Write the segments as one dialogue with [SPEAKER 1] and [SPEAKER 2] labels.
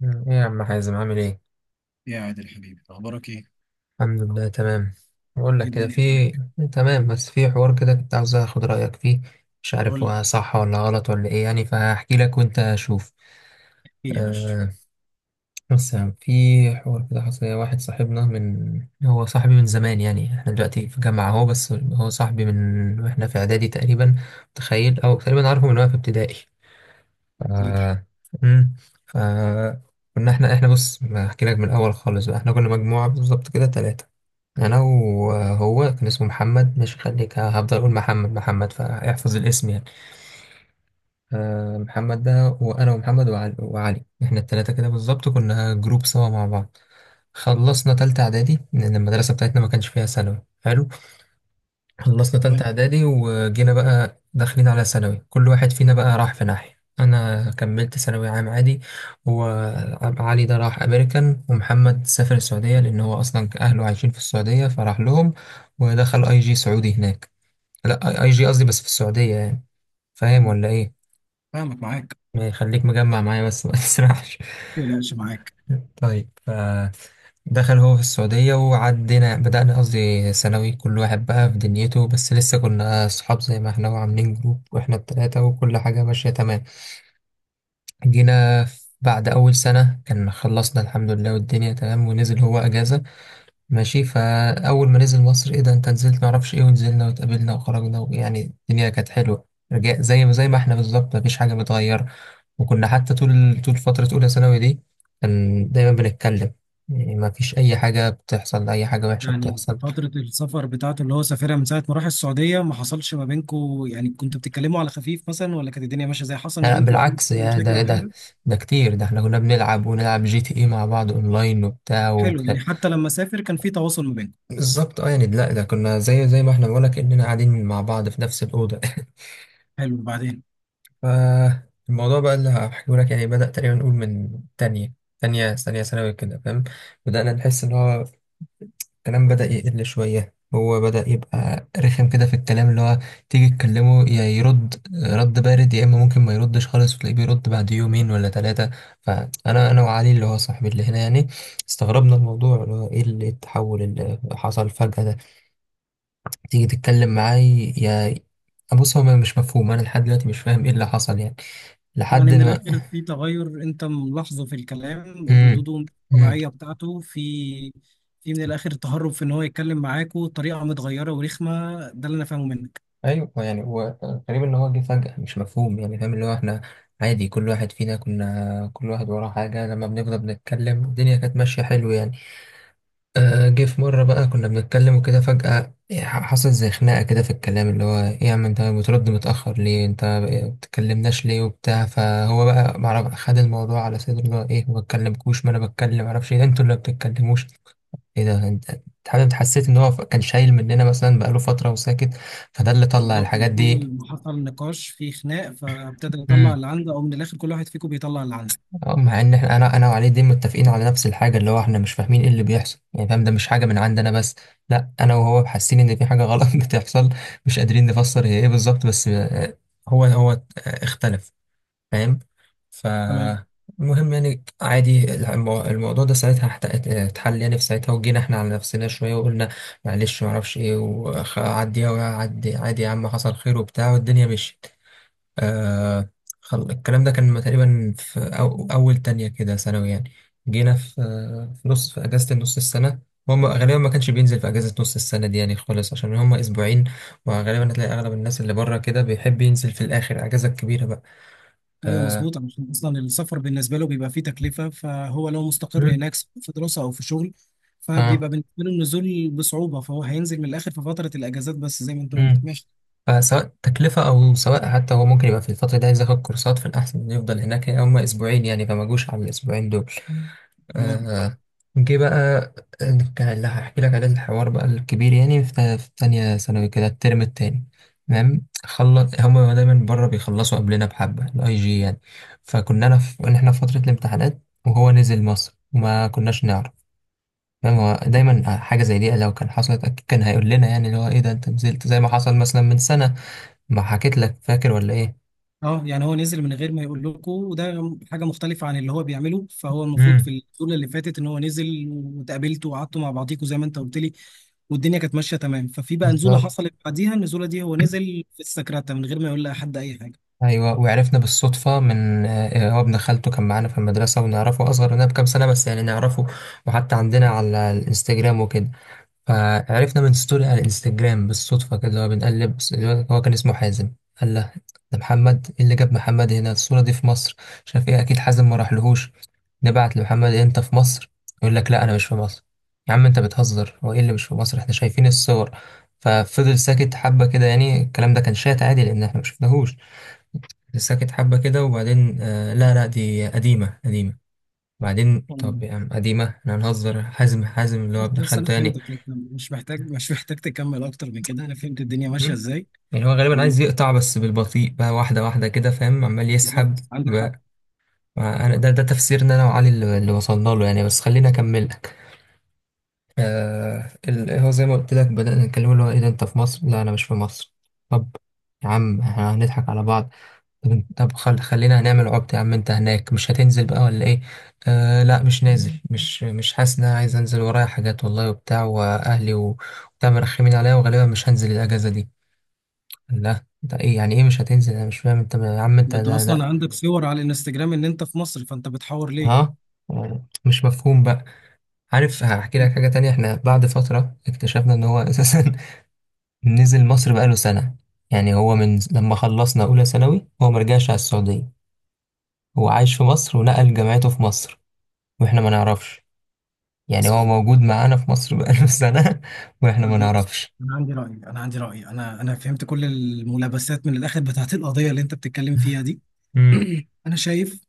[SPEAKER 1] مم. ايه يا عم حازم عامل ايه؟
[SPEAKER 2] يا عادل حبيبي اخبارك ايه؟
[SPEAKER 1] الحمد لله تمام. بقول
[SPEAKER 2] ايه
[SPEAKER 1] لك كده،
[SPEAKER 2] الدنيا
[SPEAKER 1] في
[SPEAKER 2] معاك؟
[SPEAKER 1] تمام، بس في حوار كده كنت عاوز اخد رايك فيه. مش
[SPEAKER 2] قول
[SPEAKER 1] عارف
[SPEAKER 2] لي
[SPEAKER 1] هو صح ولا غلط ولا ايه يعني، فهحكي لك وانت شوف.
[SPEAKER 2] كتير يا باشا.
[SPEAKER 1] آه. بص يا عم، في حوار كده حصل لي. واحد صاحبنا، هو صاحبي من زمان، يعني احنا دلوقتي في جامعه اهو، بس هو صاحبي من واحنا في اعدادي تقريبا، متخيل، او تقريبا عارفه من وانا في ابتدائي. ف...
[SPEAKER 2] كتير
[SPEAKER 1] مم. ف... كنا احنا بص، احكي لك من الاول خالص بقى. احنا كنا مجموعه بالظبط كده ثلاثه، انا وهو. كان اسمه محمد، مش، خليك، هفضل اقول محمد محمد, فاحفظ الاسم يعني. محمد ده. وانا ومحمد وعلي، وعلي. احنا الثلاثه كده بالظبط كنا جروب سوا مع بعض. خلصنا تالتة اعدادي، لان المدرسه بتاعتنا ما كانش فيها ثانوي حلو. خلصنا تالتة
[SPEAKER 2] تمام.
[SPEAKER 1] إعدادي وجينا بقى داخلين على ثانوي، كل واحد فينا بقى راح في ناحية. أنا كملت ثانوي عام عادي، وعلي ده راح أمريكان، ومحمد سافر السعودية لأن هو أصلا أهله عايشين في السعودية فراح لهم. ودخل أي جي سعودي هناك. لا، أي جي قصدي، بس في السعودية يعني. فاهم
[SPEAKER 2] حلو،
[SPEAKER 1] ولا إيه؟
[SPEAKER 2] فاهمك معاك.
[SPEAKER 1] ما يخليك مجمع معايا بس، ما تسرحش.
[SPEAKER 2] ما تقلقش معاك.
[SPEAKER 1] طيب. دخل هو في السعودية وعدينا، بدأنا قصدي ثانوي، كل واحد بقى في دنيته، بس لسه كنا صحاب زي ما احنا، وعاملين جروب واحنا التلاتة، وكل حاجة ماشية تمام. بعد أول سنة كان خلصنا الحمد لله والدنيا تمام، ونزل هو أجازة ماشي. فأول ما نزل مصر، إيه ده أنت نزلت معرفش إيه، ونزلنا واتقابلنا وخرجنا، ويعني الدنيا كانت حلوة. رجع زي ما إحنا بالظبط، مفيش حاجة متغيرة. وكنا حتى طول طول فترة أولى ثانوي دي كان دايما بنتكلم، يعني مفيش أي حاجة بتحصل، أي حاجة وحشة
[SPEAKER 2] يعني في
[SPEAKER 1] بتحصل.
[SPEAKER 2] فترة السفر بتاعته اللي هو سافرها من ساعة ما راح السعودية، ما حصلش ما بينكو يعني؟ كنتوا بتتكلموا على خفيف مثلا ولا كانت الدنيا ماشية زي حصل ما
[SPEAKER 1] لا
[SPEAKER 2] بينكو أي
[SPEAKER 1] بالعكس، يا
[SPEAKER 2] مشاكل
[SPEAKER 1] ده
[SPEAKER 2] أو
[SPEAKER 1] ده
[SPEAKER 2] حاجة؟
[SPEAKER 1] ده كتير، ده إحنا كنا بنلعب ونلعب جي تي إيه مع بعض أونلاين وبتاع
[SPEAKER 2] حلو، يعني حتى لما سافر كان في تواصل ما بينكم.
[SPEAKER 1] بالظبط، أه يعني. لا ده كنا زي ما إحنا بقولك، إننا قاعدين مع بعض في نفس الأوضة.
[SPEAKER 2] حلو بعدين.
[SPEAKER 1] فالموضوع بقى اللي هحكيه لك، يعني بدأ تقريبا نقول من تانية ثانوي كده، فاهم. بدأنا نحس إن هو الكلام بدأ يقل شوية، هو بدأ يبقى رخم كده في الكلام، اللي هو تيجي تكلمه يا يرد رد بارد، يا إما ممكن ما يردش خالص وتلاقيه بيرد بعد يومين ولا ثلاثة. فأنا وعلي اللي هو صاحبي اللي هنا يعني، استغربنا الموضوع، اللي هو إيه اللي التحول اللي حصل فجأة ده. تيجي تتكلم معاه يا، بص هو مش مفهوم، أنا لحد دلوقتي مش فاهم إيه اللي حصل يعني،
[SPEAKER 2] يعني
[SPEAKER 1] لحد
[SPEAKER 2] من
[SPEAKER 1] ما،
[SPEAKER 2] الآخر في تغير أنت ملاحظه في الكلام
[SPEAKER 1] امم
[SPEAKER 2] ردوده
[SPEAKER 1] امم.
[SPEAKER 2] الطبيعية بتاعته. في من الآخر تهرب في إن هو يتكلم معاكوا بطريقة متغيرة ورخمة، ده اللي أنا فاهمه منك.
[SPEAKER 1] ايوه يعني هو غريب، ان هو جه فجأة مش مفهوم، يعني فاهم، اللي هو احنا عادي، كل واحد فينا كنا كل واحد وراه حاجة، لما بنفضل بنتكلم الدنيا كانت ماشية حلو يعني. جه في مرة بقى كنا بنتكلم وكده، فجأة حصل زي خناقة كده في الكلام، اللي هو إيه يا عم أنت بترد متأخر ليه، أنت بتكلمناش ليه وبتاع. فهو بقى معرف خد الموضوع على صدره، اللي هو إيه ما بتكلمكوش، ما أنا بتكلم معرفش إيه، ده أنتوا اللي ما بتتكلموش. إيه ده أنت، أنت حسيت إن هو كان شايل مننا مثلا بقاله فترة وساكت، فده اللي طلع
[SPEAKER 2] بالظبط، من
[SPEAKER 1] الحاجات دي.
[SPEAKER 2] أول ما حصل نقاش في خناق فابتدى يطلع
[SPEAKER 1] إمم.
[SPEAKER 2] اللي عنده، أو من الآخر كل واحد فيكم بيطلع اللي عنده.
[SPEAKER 1] اه، مع ان احنا انا وعلي دي متفقين على نفس الحاجه، اللي هو احنا مش فاهمين ايه اللي بيحصل يعني، فاهم، ده مش حاجه من عندنا بس، لا انا وهو حاسين ان في حاجه غلط بتحصل، مش قادرين نفسر هي ايه بالظبط. بس هو اختلف، فاهم. ف
[SPEAKER 2] تمام.
[SPEAKER 1] المهم يعني عادي، الموضوع ده ساعتها اتحل يعني في ساعتها، وجينا احنا على نفسنا شويه وقلنا معلش ما اعرفش ايه، وعديها، وعدي عادي يا عم حصل خير وبتاع، والدنيا مشيت. آه. الكلام ده كان تقريبا في أول تانية كده ثانوي يعني. جينا في في نص، في أجازة نص السنة. هم غالبا ما كانش بينزل في أجازة نص السنة دي يعني خالص، عشان هم أسبوعين، وغالبا هتلاقي أغلب الناس اللي بره كده بيحب ينزل في الآخر أجازة كبيرة بقى.
[SPEAKER 2] أيوه
[SPEAKER 1] آه.
[SPEAKER 2] مظبوط، عشان أصلا السفر بالنسبة له بيبقى فيه تكلفة، فهو لو مستقر
[SPEAKER 1] مم.
[SPEAKER 2] هناك سواء في دراسة أو في شغل
[SPEAKER 1] آه.
[SPEAKER 2] فبيبقى بالنسبة له النزول بصعوبة، فهو هينزل من الآخر في فترة الأجازات، بس زي ما أنت قلت
[SPEAKER 1] مم.
[SPEAKER 2] ماشي.
[SPEAKER 1] فسواء تكلفة، أو سواء حتى هو ممكن يبقى في الفترة دي عايز ياخد كورسات، في الأحسن إنه يفضل هناك، يعني هما أسبوعين يعني، فما جوش على الأسبوعين دول.
[SPEAKER 2] تمام.
[SPEAKER 1] آه، جه بقى كان اللي هحكي لك عليه الحوار بقى الكبير، يعني في في تانية ثانوي كده الترم التاني. تمام، خلص، هما دايما بره بيخلصوا قبلنا بحبة الاي جي يعني. فكنا أنا في إن إحنا في فترة الامتحانات، وهو نزل مصر وما كناش نعرف. فاهم، هو دايما حاجة زي دي لو كان حصلت أكيد كان هيقول لنا، يعني اللي هو إيه ده أنت نزلت، زي ما حصل مثلا من سنة ما حكيت لك، فاكر ولا ايه.
[SPEAKER 2] اه يعني هو نزل من غير ما يقول لكم، وده حاجه مختلفه عن اللي هو بيعمله، فهو المفروض في
[SPEAKER 1] امم.
[SPEAKER 2] الجوله اللي فاتت ان هو نزل واتقابلتوا وقعدتوا مع بعضيكوا زي ما انت قلت لي والدنيا كانت ماشيه تمام. ففي بقى نزوله
[SPEAKER 1] بالظبط.
[SPEAKER 2] حصلت بعديها، النزوله دي هو نزل في السكرته من غير ما يقول لأحد اي حاجه.
[SPEAKER 1] ايوه وعرفنا بالصدفه من هو ابن خالته كان معانا في المدرسه، ونعرفه اصغر مننا بكام سنه بس، يعني نعرفه، وحتى عندنا على الانستجرام وكده. فعرفنا من ستوري على الانستجرام بالصدفة كده، اللي هو بنقلب اللي هو كان اسمه حازم. قال له ده محمد، ايه اللي جاب محمد هنا، الصورة دي في مصر، مش عارف ايه، اكيد حازم ما راحلهوش. نبعت لمحمد إيه انت في مصر، يقول لك لا انا مش في مصر. يا عم انت بتهزر، هو ايه اللي مش في مصر، احنا شايفين الصور. ففضل ساكت حبة كده، يعني الكلام ده كان شات عادي لان احنا مشفناهوش. ساكت حبة كده وبعدين آه لا لا دي قديمة قديمة. بعدين
[SPEAKER 2] مم.
[SPEAKER 1] طب يا عم قديمة، احنا هنهزر، حازم، حازم اللي هو
[SPEAKER 2] بس
[SPEAKER 1] ابن
[SPEAKER 2] بس انا
[SPEAKER 1] خالته يعني.
[SPEAKER 2] فهمتك، انت مش محتاج مش محتاج تكمل اكتر من كده، انا فهمت الدنيا ماشيه ازاي.
[SPEAKER 1] يعني هو غالبا عايز يقطع بس بالبطيء بقى، واحدة واحدة كده، فاهم، عمال
[SPEAKER 2] بالظبط
[SPEAKER 1] يسحب
[SPEAKER 2] عندك حق.
[SPEAKER 1] بقى. ما أنا ده تفسيرنا أنا وعلي، اللي وصلنا له يعني، بس خليني أكمل لك. آه، هو زي ما قلت لك بدأنا نتكلم، اللي هو إيه ده أنت في مصر؟ لا أنا مش في مصر. طب يا عم إحنا هنضحك على بعض. طب أنت، طب خل خلينا هنعمل عبط، يا عم أنت هناك مش هتنزل بقى ولا إيه؟ آه لا مش نازل، مش حاسس إن أنا عايز أنزل، ورايا حاجات والله وبتاع، وأهلي و، وبتاع مرخمين عليا، وغالبا مش هنزل الأجازة دي. لا ده ايه يعني، ايه مش هتنزل، انا مش فاهم انت يا عم انت
[SPEAKER 2] ده انت
[SPEAKER 1] ده
[SPEAKER 2] اصلا
[SPEAKER 1] ده
[SPEAKER 2] عندك صور على الانستجرام ان انت في مصر، فانت بتحور ليه؟
[SPEAKER 1] ها، مش مفهوم بقى. عارف هحكي
[SPEAKER 2] مم.
[SPEAKER 1] لك حاجة تانية، احنا بعد فترة اكتشفنا ان هو اساسا نزل مصر بقاله سنة. يعني هو من لما خلصنا اولى ثانوي هو مرجعش على السعودية، هو عايش في مصر ونقل جامعته في مصر، واحنا ما نعرفش. يعني هو
[SPEAKER 2] اصلا
[SPEAKER 1] موجود معانا في مصر بقاله سنة واحنا ما
[SPEAKER 2] بص،
[SPEAKER 1] نعرفش.
[SPEAKER 2] انا عندي راي، انا عندي راي، انا فهمت كل الملابسات من الاخر بتاعت القضيه اللي انت بتتكلم فيها دي.
[SPEAKER 1] امم.
[SPEAKER 2] انا شايف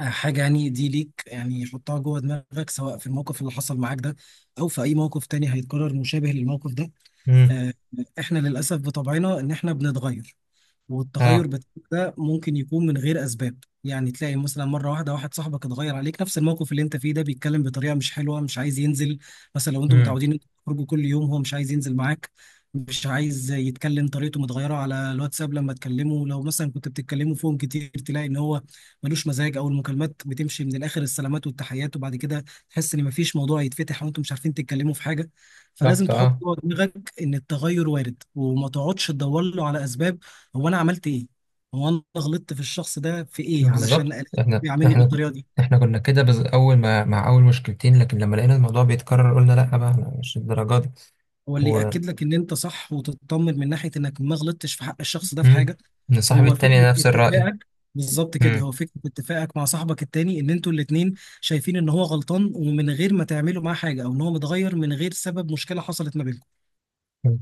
[SPEAKER 2] حاجه، يعني دي ليك، يعني حطها جوه دماغك سواء في الموقف اللي حصل معاك ده او في اي موقف تاني هيتكرر مشابه للموقف ده.
[SPEAKER 1] امم.
[SPEAKER 2] آه، احنا للاسف بطبعنا ان احنا بنتغير، والتغير
[SPEAKER 1] اه.
[SPEAKER 2] بتاعك ده ممكن يكون من غير اسباب. يعني تلاقي مثلا مره واحده واحد صاحبك اتغير عليك، نفس الموقف اللي انت فيه ده، بيتكلم بطريقه مش حلوه، مش عايز ينزل. مثلا لو انتوا
[SPEAKER 1] امم.
[SPEAKER 2] متعودين انتوا تخرجوا كل يوم، هو مش عايز ينزل معاك، مش عايز يتكلم، طريقته متغيره على الواتساب لما تكلمه، لو مثلا كنت بتتكلموا فيهم كتير تلاقي ان هو ملوش مزاج، او المكالمات بتمشي من الاخر السلامات والتحيات، وبعد كده تحس ان مفيش موضوع يتفتح وانتوا مش عارفين تتكلموا في حاجه. فلازم
[SPEAKER 1] بالظبط.
[SPEAKER 2] تحط
[SPEAKER 1] اه.
[SPEAKER 2] جوه دماغك ان التغير وارد، وما تقعدش تدور له على اسباب: هو انا عملت ايه؟ هو انا غلطت في الشخص ده في ايه علشان
[SPEAKER 1] بالظبط.
[SPEAKER 2] ألاقيه
[SPEAKER 1] احنا
[SPEAKER 2] يعاملني
[SPEAKER 1] احنا
[SPEAKER 2] بالطريقه دي؟
[SPEAKER 1] احنا كنا كده اول ما، مع اول مشكلتين، لكن لما لقينا الموضوع بيتكرر قلنا لا بقى، احنا مش الدرجات دي.
[SPEAKER 2] هو اللي
[SPEAKER 1] و،
[SPEAKER 2] ياكد لك ان انت صح وتطمن من ناحيه انك ما غلطتش في حق الشخص ده في
[SPEAKER 1] مم.
[SPEAKER 2] حاجه،
[SPEAKER 1] ان صاحبي
[SPEAKER 2] هو فكره
[SPEAKER 1] التاني نفس الرأي.
[SPEAKER 2] اتفاقك. بالظبط كده،
[SPEAKER 1] مم.
[SPEAKER 2] هو فكره اتفاقك مع صاحبك التاني، ان انتوا الاتنين شايفين ان هو غلطان، ومن غير ما تعملوا معاه حاجه، او ان هو متغير من غير سبب مشكله حصلت ما بينكم.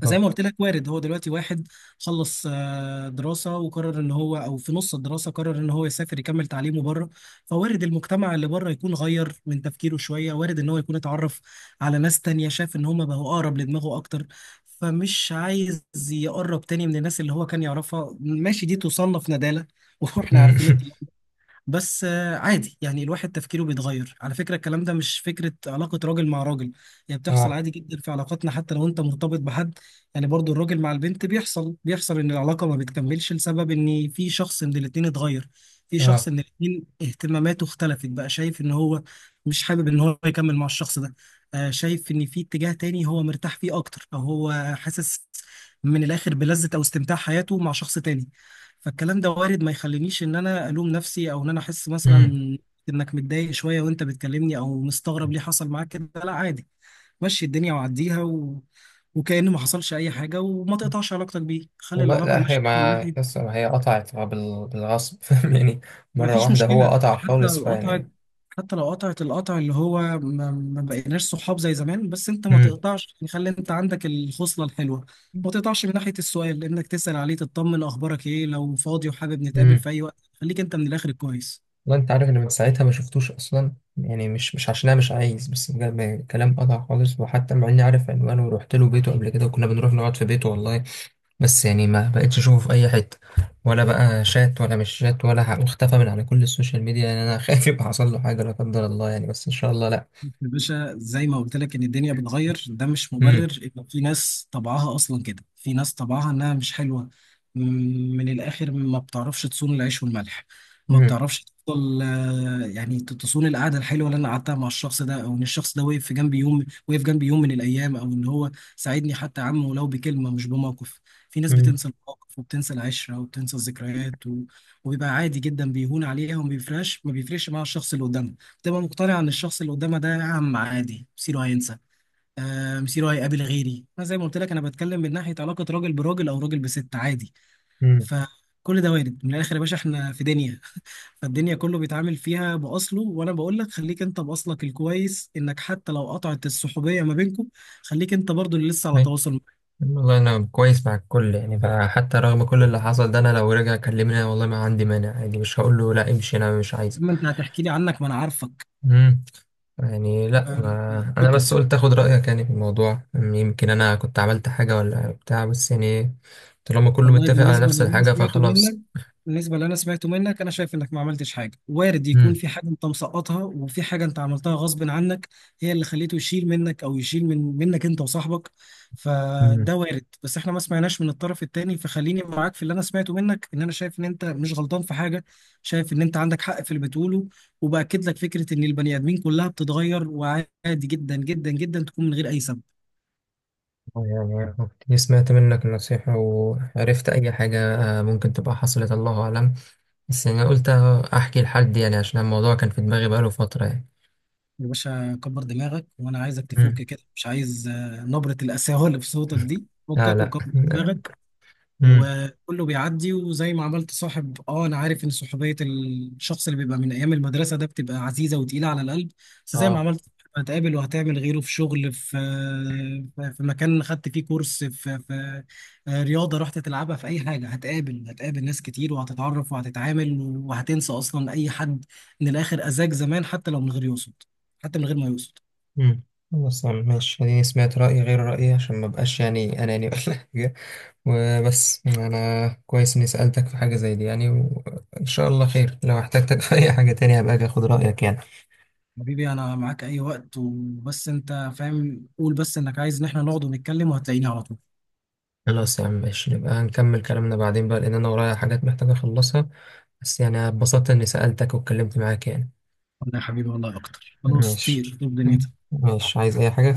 [SPEAKER 2] فزي ما قلت لك، وارد هو دلوقتي واحد خلص دراسة، وقرر ان هو او في نص الدراسة قرر ان هو يسافر يكمل تعليمه بره، فوارد المجتمع اللي بره يكون غير من تفكيره شوية، وارد ان هو يكون اتعرف على ناس تانية شاف ان هما بقوا اقرب لدماغه اكتر، فمش عايز يقرب تاني من الناس اللي هو كان يعرفها. ماشي، دي تصنف ندالة واحنا
[SPEAKER 1] مم.
[SPEAKER 2] عارفين. بس عادي، يعني الواحد تفكيره بيتغير. على فكرة الكلام ده مش فكرة علاقة راجل مع راجل، هي بتحصل
[SPEAKER 1] اه.
[SPEAKER 2] عادي جدا في علاقاتنا حتى لو انت مرتبط بحد. يعني برضو الراجل مع البنت بيحصل، بيحصل ان العلاقة ما بتكملش لسبب ان في شخص من الاتنين اتغير، في شخص
[SPEAKER 1] اه.
[SPEAKER 2] من الاتنين اهتماماته اختلفت، بقى شايف ان هو مش حابب ان هو يكمل مع الشخص ده، شايف ان في اتجاه تاني هو مرتاح فيه اكتر، او هو حاسس من الاخر بلذة او استمتاع حياته مع شخص تاني. فالكلام ده وارد، ما يخلينيش ان انا الوم نفسي، او ان انا احس مثلا
[SPEAKER 1] مم.
[SPEAKER 2] انك متضايق شويه وانت بتكلمني، او مستغرب ليه حصل معاك كده. لا عادي، مشي الدنيا وعديها، و... وكأن ما حصلش اي حاجه، وما تقطعش علاقتك بيه، خلي
[SPEAKER 1] والله
[SPEAKER 2] العلاقه
[SPEAKER 1] لا، هي
[SPEAKER 2] ماشيه من ناحيه.
[SPEAKER 1] ما هي قطعت بالغصب، فاهم يعني، مرة
[SPEAKER 2] مفيش
[SPEAKER 1] واحدة هو
[SPEAKER 2] مشكلة
[SPEAKER 1] قطع
[SPEAKER 2] حتى
[SPEAKER 1] خالص
[SPEAKER 2] لو قطعت،
[SPEAKER 1] فيعني.
[SPEAKER 2] حتى لو قطعت القطع اللي هو ما بقيناش صحاب زي زمان، بس انت ما
[SPEAKER 1] مم.
[SPEAKER 2] تقطعش يعني، خلي انت عندك الخصلة الحلوة، ما تقطعش من ناحية السؤال، انك تسأل عليه تطمن، اخبارك ايه، لو فاضي وحابب نتقابل في
[SPEAKER 1] مم.
[SPEAKER 2] اي وقت، خليك انت من الاخر كويس.
[SPEAKER 1] والله انت عارف ان من ساعتها ما شفتوش اصلا، يعني مش عشان انا مش عايز، بس بجد كلام، قطع خالص، وحتى مع اني عارف عنوانه ورحت له بيته قبل كده، وكنا بنروح نقعد في بيته والله، بس يعني ما بقتش اشوفه في اي حته، ولا بقى شات ولا مش شات ولا واختفى من على كل السوشيال ميديا يعني. انا خايف يبقى حصل له حاجه لا قدر الله يعني، بس ان شاء الله لا.
[SPEAKER 2] بص يا باشا، زي ما قلت لك ان الدنيا بتغير، ده مش
[SPEAKER 1] امم.
[SPEAKER 2] مبرر، ان في ناس طبعها اصلا كده، في ناس طبعها انها مش حلوه، م- من الاخر ما بتعرفش تصون العيش والملح، ما
[SPEAKER 1] امم.
[SPEAKER 2] بتعرفش تفضل يعني تصون القعده الحلوه اللي انا قعدتها مع الشخص ده، او ان الشخص ده وقف في جنبي يوم، وقف جنبي يوم من الايام، او ان هو ساعدني حتى يا عم ولو بكلمه مش بموقف. في ناس
[SPEAKER 1] امم.
[SPEAKER 2] بتنسى المواقف، وبتنسى العشره، وبتنسى الذكريات، و... وبيبقى عادي جدا بيهون عليها، وما بيفرقش ما بيفرقش مع الشخص اللي قدامها، تبقى مقتنع ان الشخص اللي قدامها ده عم عادي، مصيره هينسى، آه مصيره هيقابل غيري. انا زي ما قلت لك، انا بتكلم من ناحيه علاقه راجل براجل، او راجل بست عادي.
[SPEAKER 1] امم.
[SPEAKER 2] فكل ده وارد، من الاخر يا باشا احنا في دنيا، فالدنيا كله بيتعامل فيها باصله، وانا بقول لك خليك انت باصلك الكويس، انك حتى لو قطعت الصحوبيه ما بينكم، خليك انت برضو اللي لسه على
[SPEAKER 1] أي.
[SPEAKER 2] تواصل.
[SPEAKER 1] والله انا كويس مع الكل يعني، فحتى رغم كل اللي حصل ده انا لو رجع كلمني أنا والله ما عندي مانع عادي، مش هقول له لا امشي انا مش
[SPEAKER 2] اما انت هتحكي لي عنك ما انا عارفك.
[SPEAKER 1] عايز يعني. لا
[SPEAKER 2] آه،
[SPEAKER 1] انا،
[SPEAKER 2] اوكي.
[SPEAKER 1] بس قلت اخد رايك يعني في الموضوع، يمكن انا كنت عملت حاجه ولا بتاع، بس يعني طالما كله
[SPEAKER 2] والله
[SPEAKER 1] متفق على
[SPEAKER 2] بالنسبة
[SPEAKER 1] نفس
[SPEAKER 2] للي أنا
[SPEAKER 1] الحاجه
[SPEAKER 2] سمعته منك،
[SPEAKER 1] فخلاص.
[SPEAKER 2] بالنسبة للي أنا سمعته منك أنا شايف إنك ما عملتش حاجة، وارد يكون
[SPEAKER 1] امم.
[SPEAKER 2] في حاجة أنت مسقطها، وفي حاجة أنت عملتها غصب عنك، هي اللي خليته يشيل منك، أو يشيل منك أنت وصاحبك.
[SPEAKER 1] امم.
[SPEAKER 2] فده وارد، بس إحنا ما سمعناش من الطرف التاني، فخليني معاك في اللي أنا سمعته منك، إن أنا شايف إن أنت مش غلطان في حاجة، شايف إن أنت عندك حق في اللي بتقوله. وبأكد لك فكرة إن البني آدمين كلها بتتغير، وعادي جدا جدا جدا تكون من غير أي سبب.
[SPEAKER 1] يعني كنت سمعت منك النصيحه وعرفت اي حاجه ممكن تبقى حصلت، الله اعلم. بس يعني قلت احكي لحد يعني، عشان الموضوع كان في دماغي بقاله فتره يعني.
[SPEAKER 2] يا باشا كبر دماغك، وانا عايزك تفك
[SPEAKER 1] امم.
[SPEAKER 2] كده، مش عايز نبرة القساوة اللي في صوتك دي،
[SPEAKER 1] لا
[SPEAKER 2] فكك
[SPEAKER 1] لا.
[SPEAKER 2] وكبر دماغك،
[SPEAKER 1] امم.
[SPEAKER 2] وكله بيعدي. وزي ما عملت صاحب، اه انا عارف ان صحوبيه الشخص اللي بيبقى من ايام المدرسه ده بتبقى عزيزه وتقيله على القلب، بس زي ما
[SPEAKER 1] اه.
[SPEAKER 2] عملت هتقابل وهتعمل غيره، في شغل، في مكان خدت فيه كورس، في رياضه رحت تلعبها، في اي حاجه، هتقابل ناس كتير، وهتتعرف وهتتعامل، وهتنسى اصلا اي حد من الاخر اذاك زمان، حتى لو من غير يقصد، حتى من غير ما يقصد.
[SPEAKER 1] امم. خلاص يا عم، ماشي، اديني سمعت رايي غير رايي عشان ما بقاش يعني اناني ولا حاجه. وبس انا كويس اني سألتك في حاجة زي دي يعني، وان شاء الله خير، لو احتجتك في اي حاجة تانية هبقى اجي اخد رأيك يعني.
[SPEAKER 2] حبيبي انا معاك اي وقت، وبس انت فاهم، قول بس انك عايز ان احنا نقعد ونتكلم وهتلاقيني على طول.
[SPEAKER 1] خلاص يا عم ماشي، نبقى هنكمل كلامنا بعدين بقى، لان انا ورايا حاجات محتاج اخلصها، بس يعني اتبسطت اني سألتك واتكلمت معاك يعني.
[SPEAKER 2] والله يا حبيبي، والله اكتر، خلاص
[SPEAKER 1] ماشي.
[SPEAKER 2] طير طير دنيتك.
[SPEAKER 1] ماشي، عايز اي حاجة؟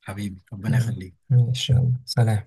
[SPEAKER 2] حبيبي ربنا
[SPEAKER 1] لا.
[SPEAKER 2] يخليك.
[SPEAKER 1] ماشي، يلا سلام.